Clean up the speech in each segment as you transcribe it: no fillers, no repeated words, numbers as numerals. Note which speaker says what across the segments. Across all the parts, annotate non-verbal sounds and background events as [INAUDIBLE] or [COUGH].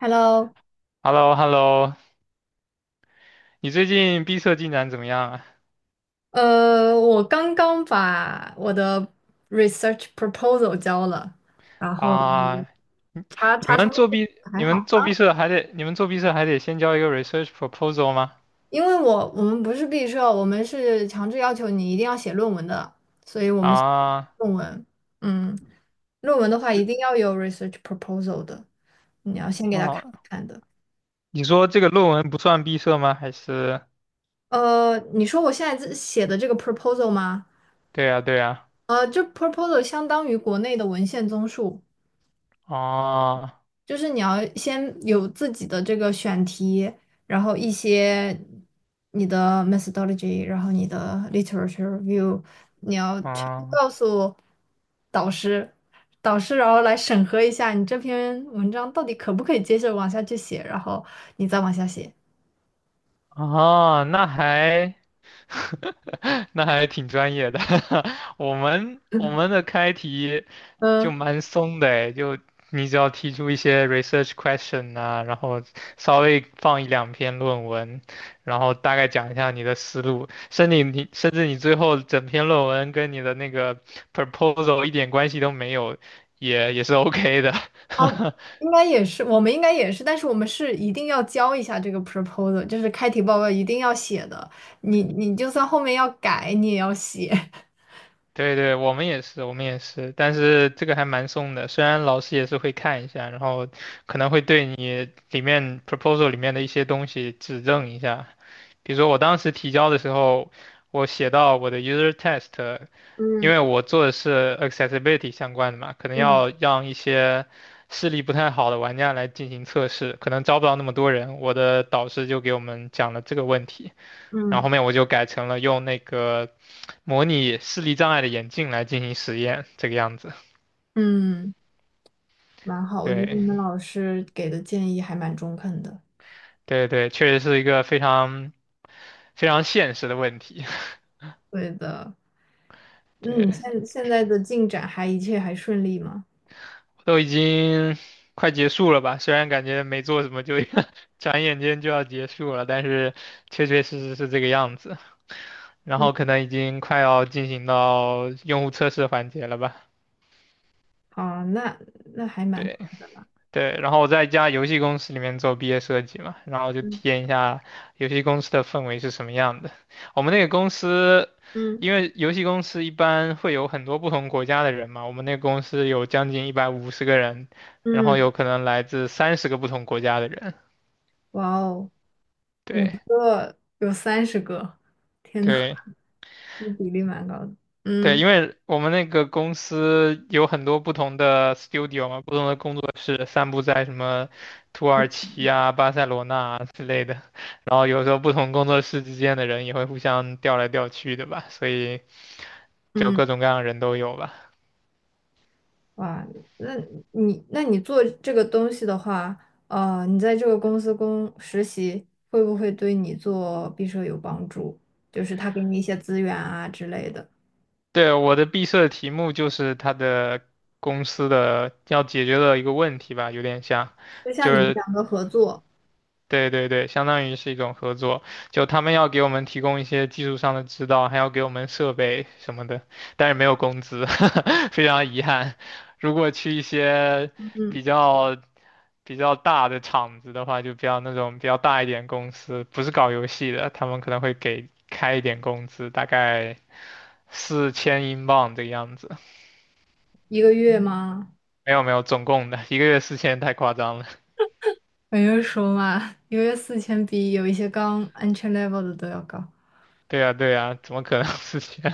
Speaker 1: Hello。
Speaker 2: h e l l o h e l l o 你最近毕设进展怎么样啊？
Speaker 1: 我刚刚把我的 research proposal 交了，然后
Speaker 2: 啊，
Speaker 1: 查
Speaker 2: 你
Speaker 1: 查
Speaker 2: 们
Speaker 1: 成
Speaker 2: 做毕，
Speaker 1: 还好，
Speaker 2: 你们做毕设还得先交一个 research proposal 吗？
Speaker 1: 因为我们不是毕设，我们是强制要求你一定要写论文的，所以我们写
Speaker 2: 啊，
Speaker 1: 论文。嗯，论文的话一定要有 research proposal 的，你要先给
Speaker 2: 啊，
Speaker 1: 他看一
Speaker 2: 哦
Speaker 1: 看的。
Speaker 2: 你说这个论文不算毕设吗？还是？
Speaker 1: 你说我现在这写的这个 proposal 吗？
Speaker 2: 对呀，对呀，
Speaker 1: 这 proposal 相当于国内的文献综述。
Speaker 2: 啊，
Speaker 1: 就是你要先有自己的这个选题，然后一些你的 methodology，然后你的 literature review，你要全部
Speaker 2: 啊，
Speaker 1: 告诉导师，导师然后来审核一下你这篇文章到底可不可以接着往下去写，然后你再往下写。
Speaker 2: 啊，哦那还。[LAUGHS] 那还挺专业的。[LAUGHS] 我们的开题就
Speaker 1: 嗯，
Speaker 2: 蛮松的诶，就你只要提出一些 research question 啊，然后稍微放一两篇论文，然后大概讲一下你的思路，甚至你最后整篇论文跟你的那个 proposal 一点关系都没有，也是 OK 的。
Speaker 1: 哦，
Speaker 2: [LAUGHS]
Speaker 1: 应该也是，我们应该也是，但是我们是一定要交一下这个 proposal，就是开题报告一定要写的，你就算后面要改，你也要写。[LAUGHS]
Speaker 2: 对对，我们也是，我们也是，但是这个还蛮松的，虽然老师也是会看一下，然后可能会对你里面 proposal 里面的一些东西指正一下。比如说我当时提交的时候，我写到我的 user test，因
Speaker 1: 嗯
Speaker 2: 为我做的是 accessibility 相关的嘛，可能
Speaker 1: 嗯。
Speaker 2: 要让一些视力不太好的玩家来进行测试，可能招不到那么多人，我的导师就给我们讲了这个问题，然后
Speaker 1: 嗯
Speaker 2: 后面我就改成了用那个。模拟视力障碍的眼镜来进行实验，这个样子。
Speaker 1: 嗯，蛮好，我觉得你
Speaker 2: 对
Speaker 1: 们老师给的建议还蛮中肯的。
Speaker 2: 对对，确实是一个非常非常现实的问题。
Speaker 1: 对的。
Speaker 2: [LAUGHS] 对，
Speaker 1: 嗯，现在的进展还一切还顺利吗？
Speaker 2: 都已经快结束了吧？虽然感觉没做什么就 [LAUGHS] 转眼间就要结束了，但是确确实实是这个样子。然
Speaker 1: 嗯，
Speaker 2: 后可能已经快要进行到用户测试环节了吧？
Speaker 1: 好，那还蛮快
Speaker 2: 对。
Speaker 1: 的了。
Speaker 2: 对，然后我在一家游戏公司里面做毕业设计嘛，然后就体
Speaker 1: 嗯
Speaker 2: 验一下游戏公司的氛围是什么样的。我们那个公司，
Speaker 1: 嗯
Speaker 2: 因为游戏公司一般会有很多不同国家的人嘛，我们那个公司有将近150个人，然后
Speaker 1: 嗯，
Speaker 2: 有可能来自三十个不同国家的人。
Speaker 1: 哇哦，
Speaker 2: 对
Speaker 1: 有30个，天呐。
Speaker 2: 对，
Speaker 1: [LAUGHS] 这比例蛮高的。
Speaker 2: 对，
Speaker 1: 嗯
Speaker 2: 因为我们那个公司有很多不同的 studio 嘛，不同的工作室散布在什么土耳其啊、巴塞罗那啊之类的，然后有时候不同工作室之间的人也会互相调来调去的吧，所以就
Speaker 1: 嗯。
Speaker 2: 各种各样的人都有吧。
Speaker 1: 哇，那那你做这个东西的话，你在这个公司实习，会不会对你做毕设有帮助？就是他给你一些资源啊之类的。
Speaker 2: 对，我的毕设的题目就是他的公司的要解决的一个问题吧，有点像，
Speaker 1: 就
Speaker 2: 就
Speaker 1: 像你们
Speaker 2: 是
Speaker 1: 两个合作。
Speaker 2: 对对对，相当于是一种合作，就他们要给我们提供一些技术上的指导，还要给我们设备什么的，但是没有工资，[LAUGHS] 非常遗憾。如果去一些
Speaker 1: 嗯，
Speaker 2: 比较比较大的厂子的话，就比较那种比较大一点公司，不是搞游戏的，他们可能会给开一点工资，大概4000英镑这个样子。
Speaker 1: 一个月吗？
Speaker 2: 没有没有，总共的一个月四千太夸张了。
Speaker 1: 我就说嘛，一个月4000比有一些刚 entry level 的都要高。
Speaker 2: 对呀对呀，怎么可能四千？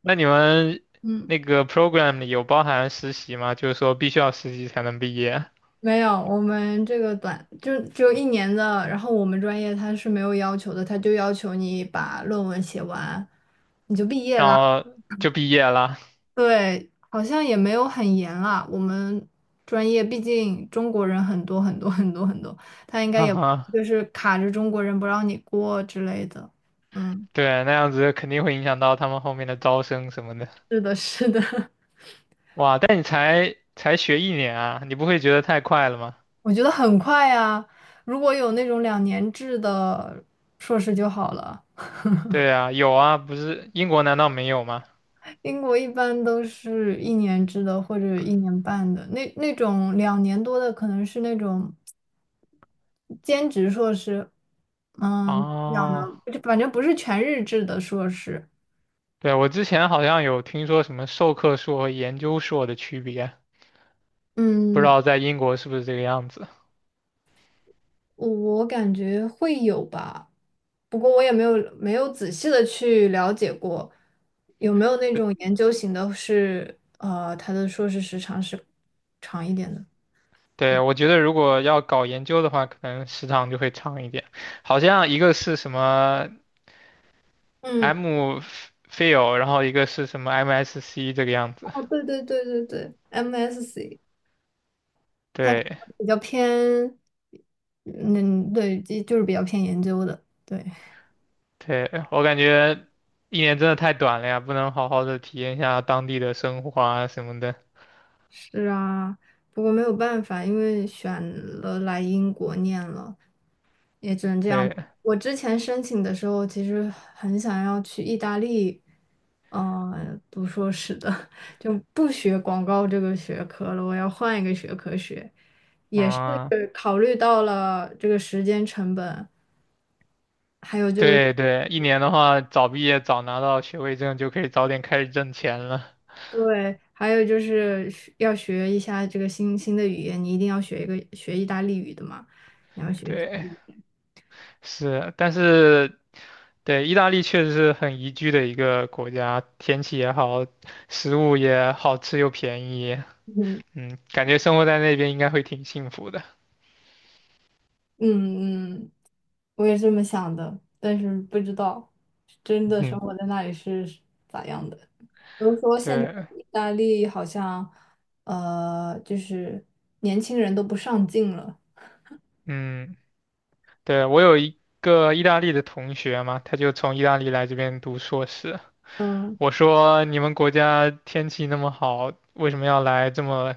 Speaker 2: 那你们
Speaker 1: 嗯，
Speaker 2: 那个 program 里有包含实习吗？就是说必须要实习才能毕业，
Speaker 1: 没有，我们这个就只有一年的，然后我们专业它是没有要求的，它就要求你把论文写完，你就毕业
Speaker 2: 然
Speaker 1: 啦。
Speaker 2: 后就毕业了。
Speaker 1: 对，好像也没有很严啊。我们专业毕竟中国人很多很多很多很多，他应该
Speaker 2: [LAUGHS] 哈
Speaker 1: 也不
Speaker 2: 哈，
Speaker 1: 就是卡着中国人不让你过之类的。嗯，
Speaker 2: 对，那样子肯定会影响到他们后面的招生什么的。
Speaker 1: 是的，是的。[LAUGHS]
Speaker 2: 哇，但你才学一年啊，你不会觉得太快了吗？
Speaker 1: 我觉得很快呀。如果有那种2年制的硕士就好了。
Speaker 2: 对啊，有啊，不是英国难道没有吗？
Speaker 1: 英国一般都是一年制的或者一年半的，那种2年多的可能是那种兼职硕士。怎么讲呢，
Speaker 2: 哦，
Speaker 1: 就反正不是全日制的硕士。
Speaker 2: 对，我之前好像有听说什么授课硕和研究硕的区别，不知
Speaker 1: 嗯，
Speaker 2: 道在英国是不是这个样子。
Speaker 1: 我感觉会有吧，不过我也没有仔细的去了解过，有没有那种研究型的是，他的硕士时长是长一点的。
Speaker 2: 对，我觉得如果要搞研究的话，可能时长就会长一点。好像一个是什么
Speaker 1: 嗯，
Speaker 2: MPhil 然后一个是什么 MSc 这个样子。
Speaker 1: 哦，对对对对对，MSc
Speaker 2: 对，
Speaker 1: 比较偏，嗯，对，就是比较偏研究的，对。
Speaker 2: 对，我感觉一年真的太短了呀，不能好好的体验一下当地的生活啊什么的。
Speaker 1: 是啊，不过没有办法，因为选了来英国念了，也只能这样。
Speaker 2: 对，
Speaker 1: 我之前申请的时候，其实很想要去意大利，读硕士的。[LAUGHS] 就不学广告这个学科了，我要换一个学科学。
Speaker 2: 嗯，
Speaker 1: 对，考虑到了这个时间成本，还有就
Speaker 2: 对对，一年的话，早毕业早拿到学位证就可以早点开始挣钱了。
Speaker 1: 对，还有就是要学一下这个新的语言，你一定要学一个学意大利语的嘛，你要学习。
Speaker 2: 对。是，但是对，意大利确实是很宜居的一个国家，天气也好，食物也好吃又便宜，
Speaker 1: 嗯
Speaker 2: 感觉生活在那边应该会挺幸福的。
Speaker 1: 嗯嗯。我也这么想的，但是不知道真的生
Speaker 2: 嗯，
Speaker 1: 活在那里是咋样的。比如说，
Speaker 2: [LAUGHS]
Speaker 1: 现在
Speaker 2: 对，
Speaker 1: 意大利好像，就是年轻人都不上进了。
Speaker 2: 嗯，对，我有一个意大利的同学嘛，他就从意大利来这边读硕士。
Speaker 1: 嗯
Speaker 2: 我说你们国家天气那么好，为什么要来这么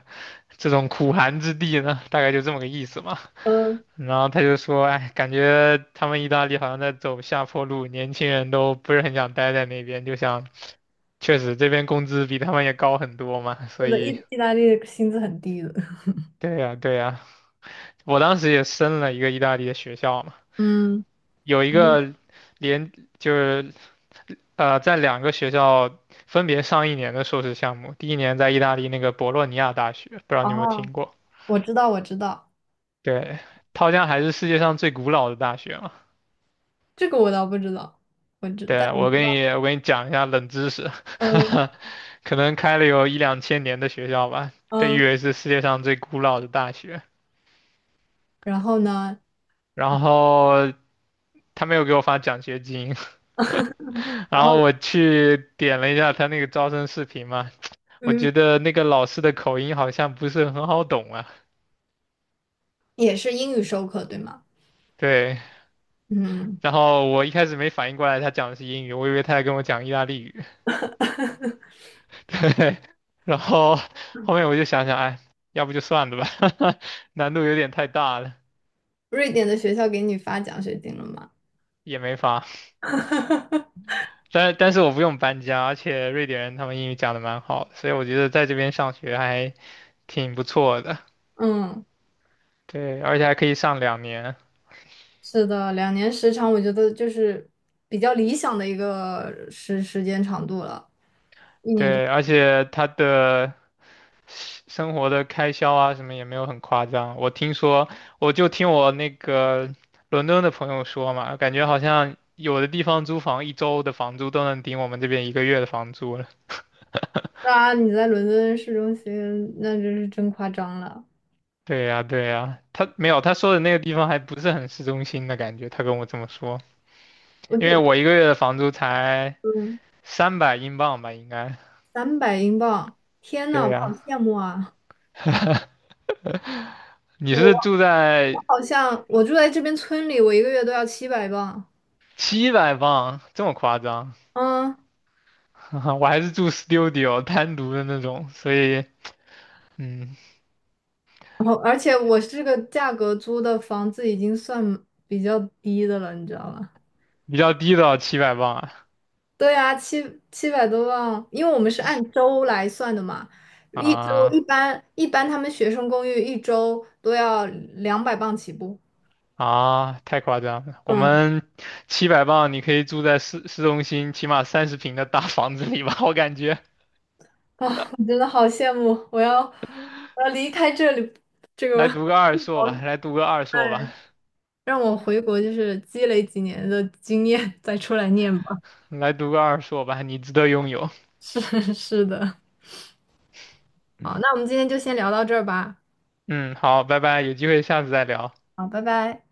Speaker 2: 这种苦寒之地呢？大概就这么个意思嘛。
Speaker 1: 嗯，
Speaker 2: 然后他就说，哎，感觉他们意大利好像在走下坡路，年轻人都不是很想待在那边，就想，确实这边工资比他们也高很多嘛，所
Speaker 1: 是的，
Speaker 2: 以，
Speaker 1: 意大利的薪资很低的。[LAUGHS]
Speaker 2: 对呀，对呀，我当时也申了一个意大利的学校嘛。
Speaker 1: 嗯，
Speaker 2: 有一
Speaker 1: 嗯
Speaker 2: 个连就是在两个学校分别上一年的硕士项目，第一年在意大利那个博洛尼亚大学，不知道你有没有
Speaker 1: 哦，
Speaker 2: 听过？
Speaker 1: 我知道，我知道。
Speaker 2: 对，它好像还是世界上最古老的大学嘛。
Speaker 1: 这个我倒不知道，我知，但
Speaker 2: 对，
Speaker 1: 我
Speaker 2: 我给你讲一下冷知识，
Speaker 1: 嗯
Speaker 2: [LAUGHS] 可能开了有一两千年的学校吧，被
Speaker 1: 嗯，
Speaker 2: 誉为是世界上最古老的大学。
Speaker 1: 然后呢？
Speaker 2: 然后他没有给我发奖学金，[LAUGHS] 然
Speaker 1: 然
Speaker 2: 后
Speaker 1: 后
Speaker 2: 我去点了一下他那个招生视频嘛，我
Speaker 1: 嗯，
Speaker 2: 觉得那个老师的口音好像不是很好懂啊。
Speaker 1: 也是英语授课，对吗？
Speaker 2: 对，
Speaker 1: 嗯，
Speaker 2: 然后我一开始没反应过来他讲的是英语，我以为他在跟我讲意大利语。[LAUGHS] 对，然后后面我就想想，哎，要不就算了吧，[LAUGHS] 难度有点太大了，
Speaker 1: 瑞典的学校给你发奖学金了吗？
Speaker 2: 也没法。
Speaker 1: [LAUGHS] 哈哈哈。
Speaker 2: 但是我不用搬家，而且瑞典人他们英语讲的蛮好的所以我觉得在这边上学还挺不错的。
Speaker 1: 嗯，
Speaker 2: 对，而且还可以上2年。
Speaker 1: 是的，两年时长，我觉得就是比较理想的一个时间长度了。
Speaker 2: 对，而且他的生活的开销啊，什么也没有很夸张。我听说，我就听我那个伦敦的朋友说嘛，感觉好像有的地方租房一周的房租都能顶我们这边一个月的房租了。
Speaker 1: 当然，你在伦敦市中心，那真是真夸张了。
Speaker 2: 对呀，对呀，他没有，他说的那个地方还不是很市中心的感觉，他跟我这么说，
Speaker 1: 我觉
Speaker 2: 因为
Speaker 1: 得，
Speaker 2: 我一个月的房租才
Speaker 1: 嗯，
Speaker 2: 300英镑吧，应该。
Speaker 1: 300英镑，天呐，
Speaker 2: 对
Speaker 1: 我好
Speaker 2: 呀，
Speaker 1: 羡慕啊！
Speaker 2: 你
Speaker 1: 我
Speaker 2: 是住在
Speaker 1: 我好像我住在这边村里，我一个月都要700镑。
Speaker 2: 700镑，这么夸张？
Speaker 1: 嗯，
Speaker 2: [LAUGHS] 我还是住 studio 单独的那种，所以。嗯，
Speaker 1: 然后而且我这个价格租的房子已经算比较低的了，你知道吗？
Speaker 2: 比较低的七百磅啊
Speaker 1: 对啊，七百多万，因为我们是按周来算的嘛，一周一
Speaker 2: 啊
Speaker 1: 般一般他们学生公寓一周都要200磅起步。
Speaker 2: 啊！太夸张了，我
Speaker 1: 嗯。
Speaker 2: 们七百磅你可以住在市中心起码30平的大房子里吧？我感觉
Speaker 1: [LAUGHS] 啊，我真的好羡慕，我要离开这里，这个，
Speaker 2: 来读个二硕吧，来读个二硕吧，
Speaker 1: 哎，让我回国就是积累几年的经验再出来念吧。[LAUGHS]
Speaker 2: 来读个二硕吧，你值得拥有。
Speaker 1: 是是的，好，那我们今天就先聊到这儿吧。
Speaker 2: 嗯，好，拜拜，有机会下次再聊。
Speaker 1: 好，拜拜。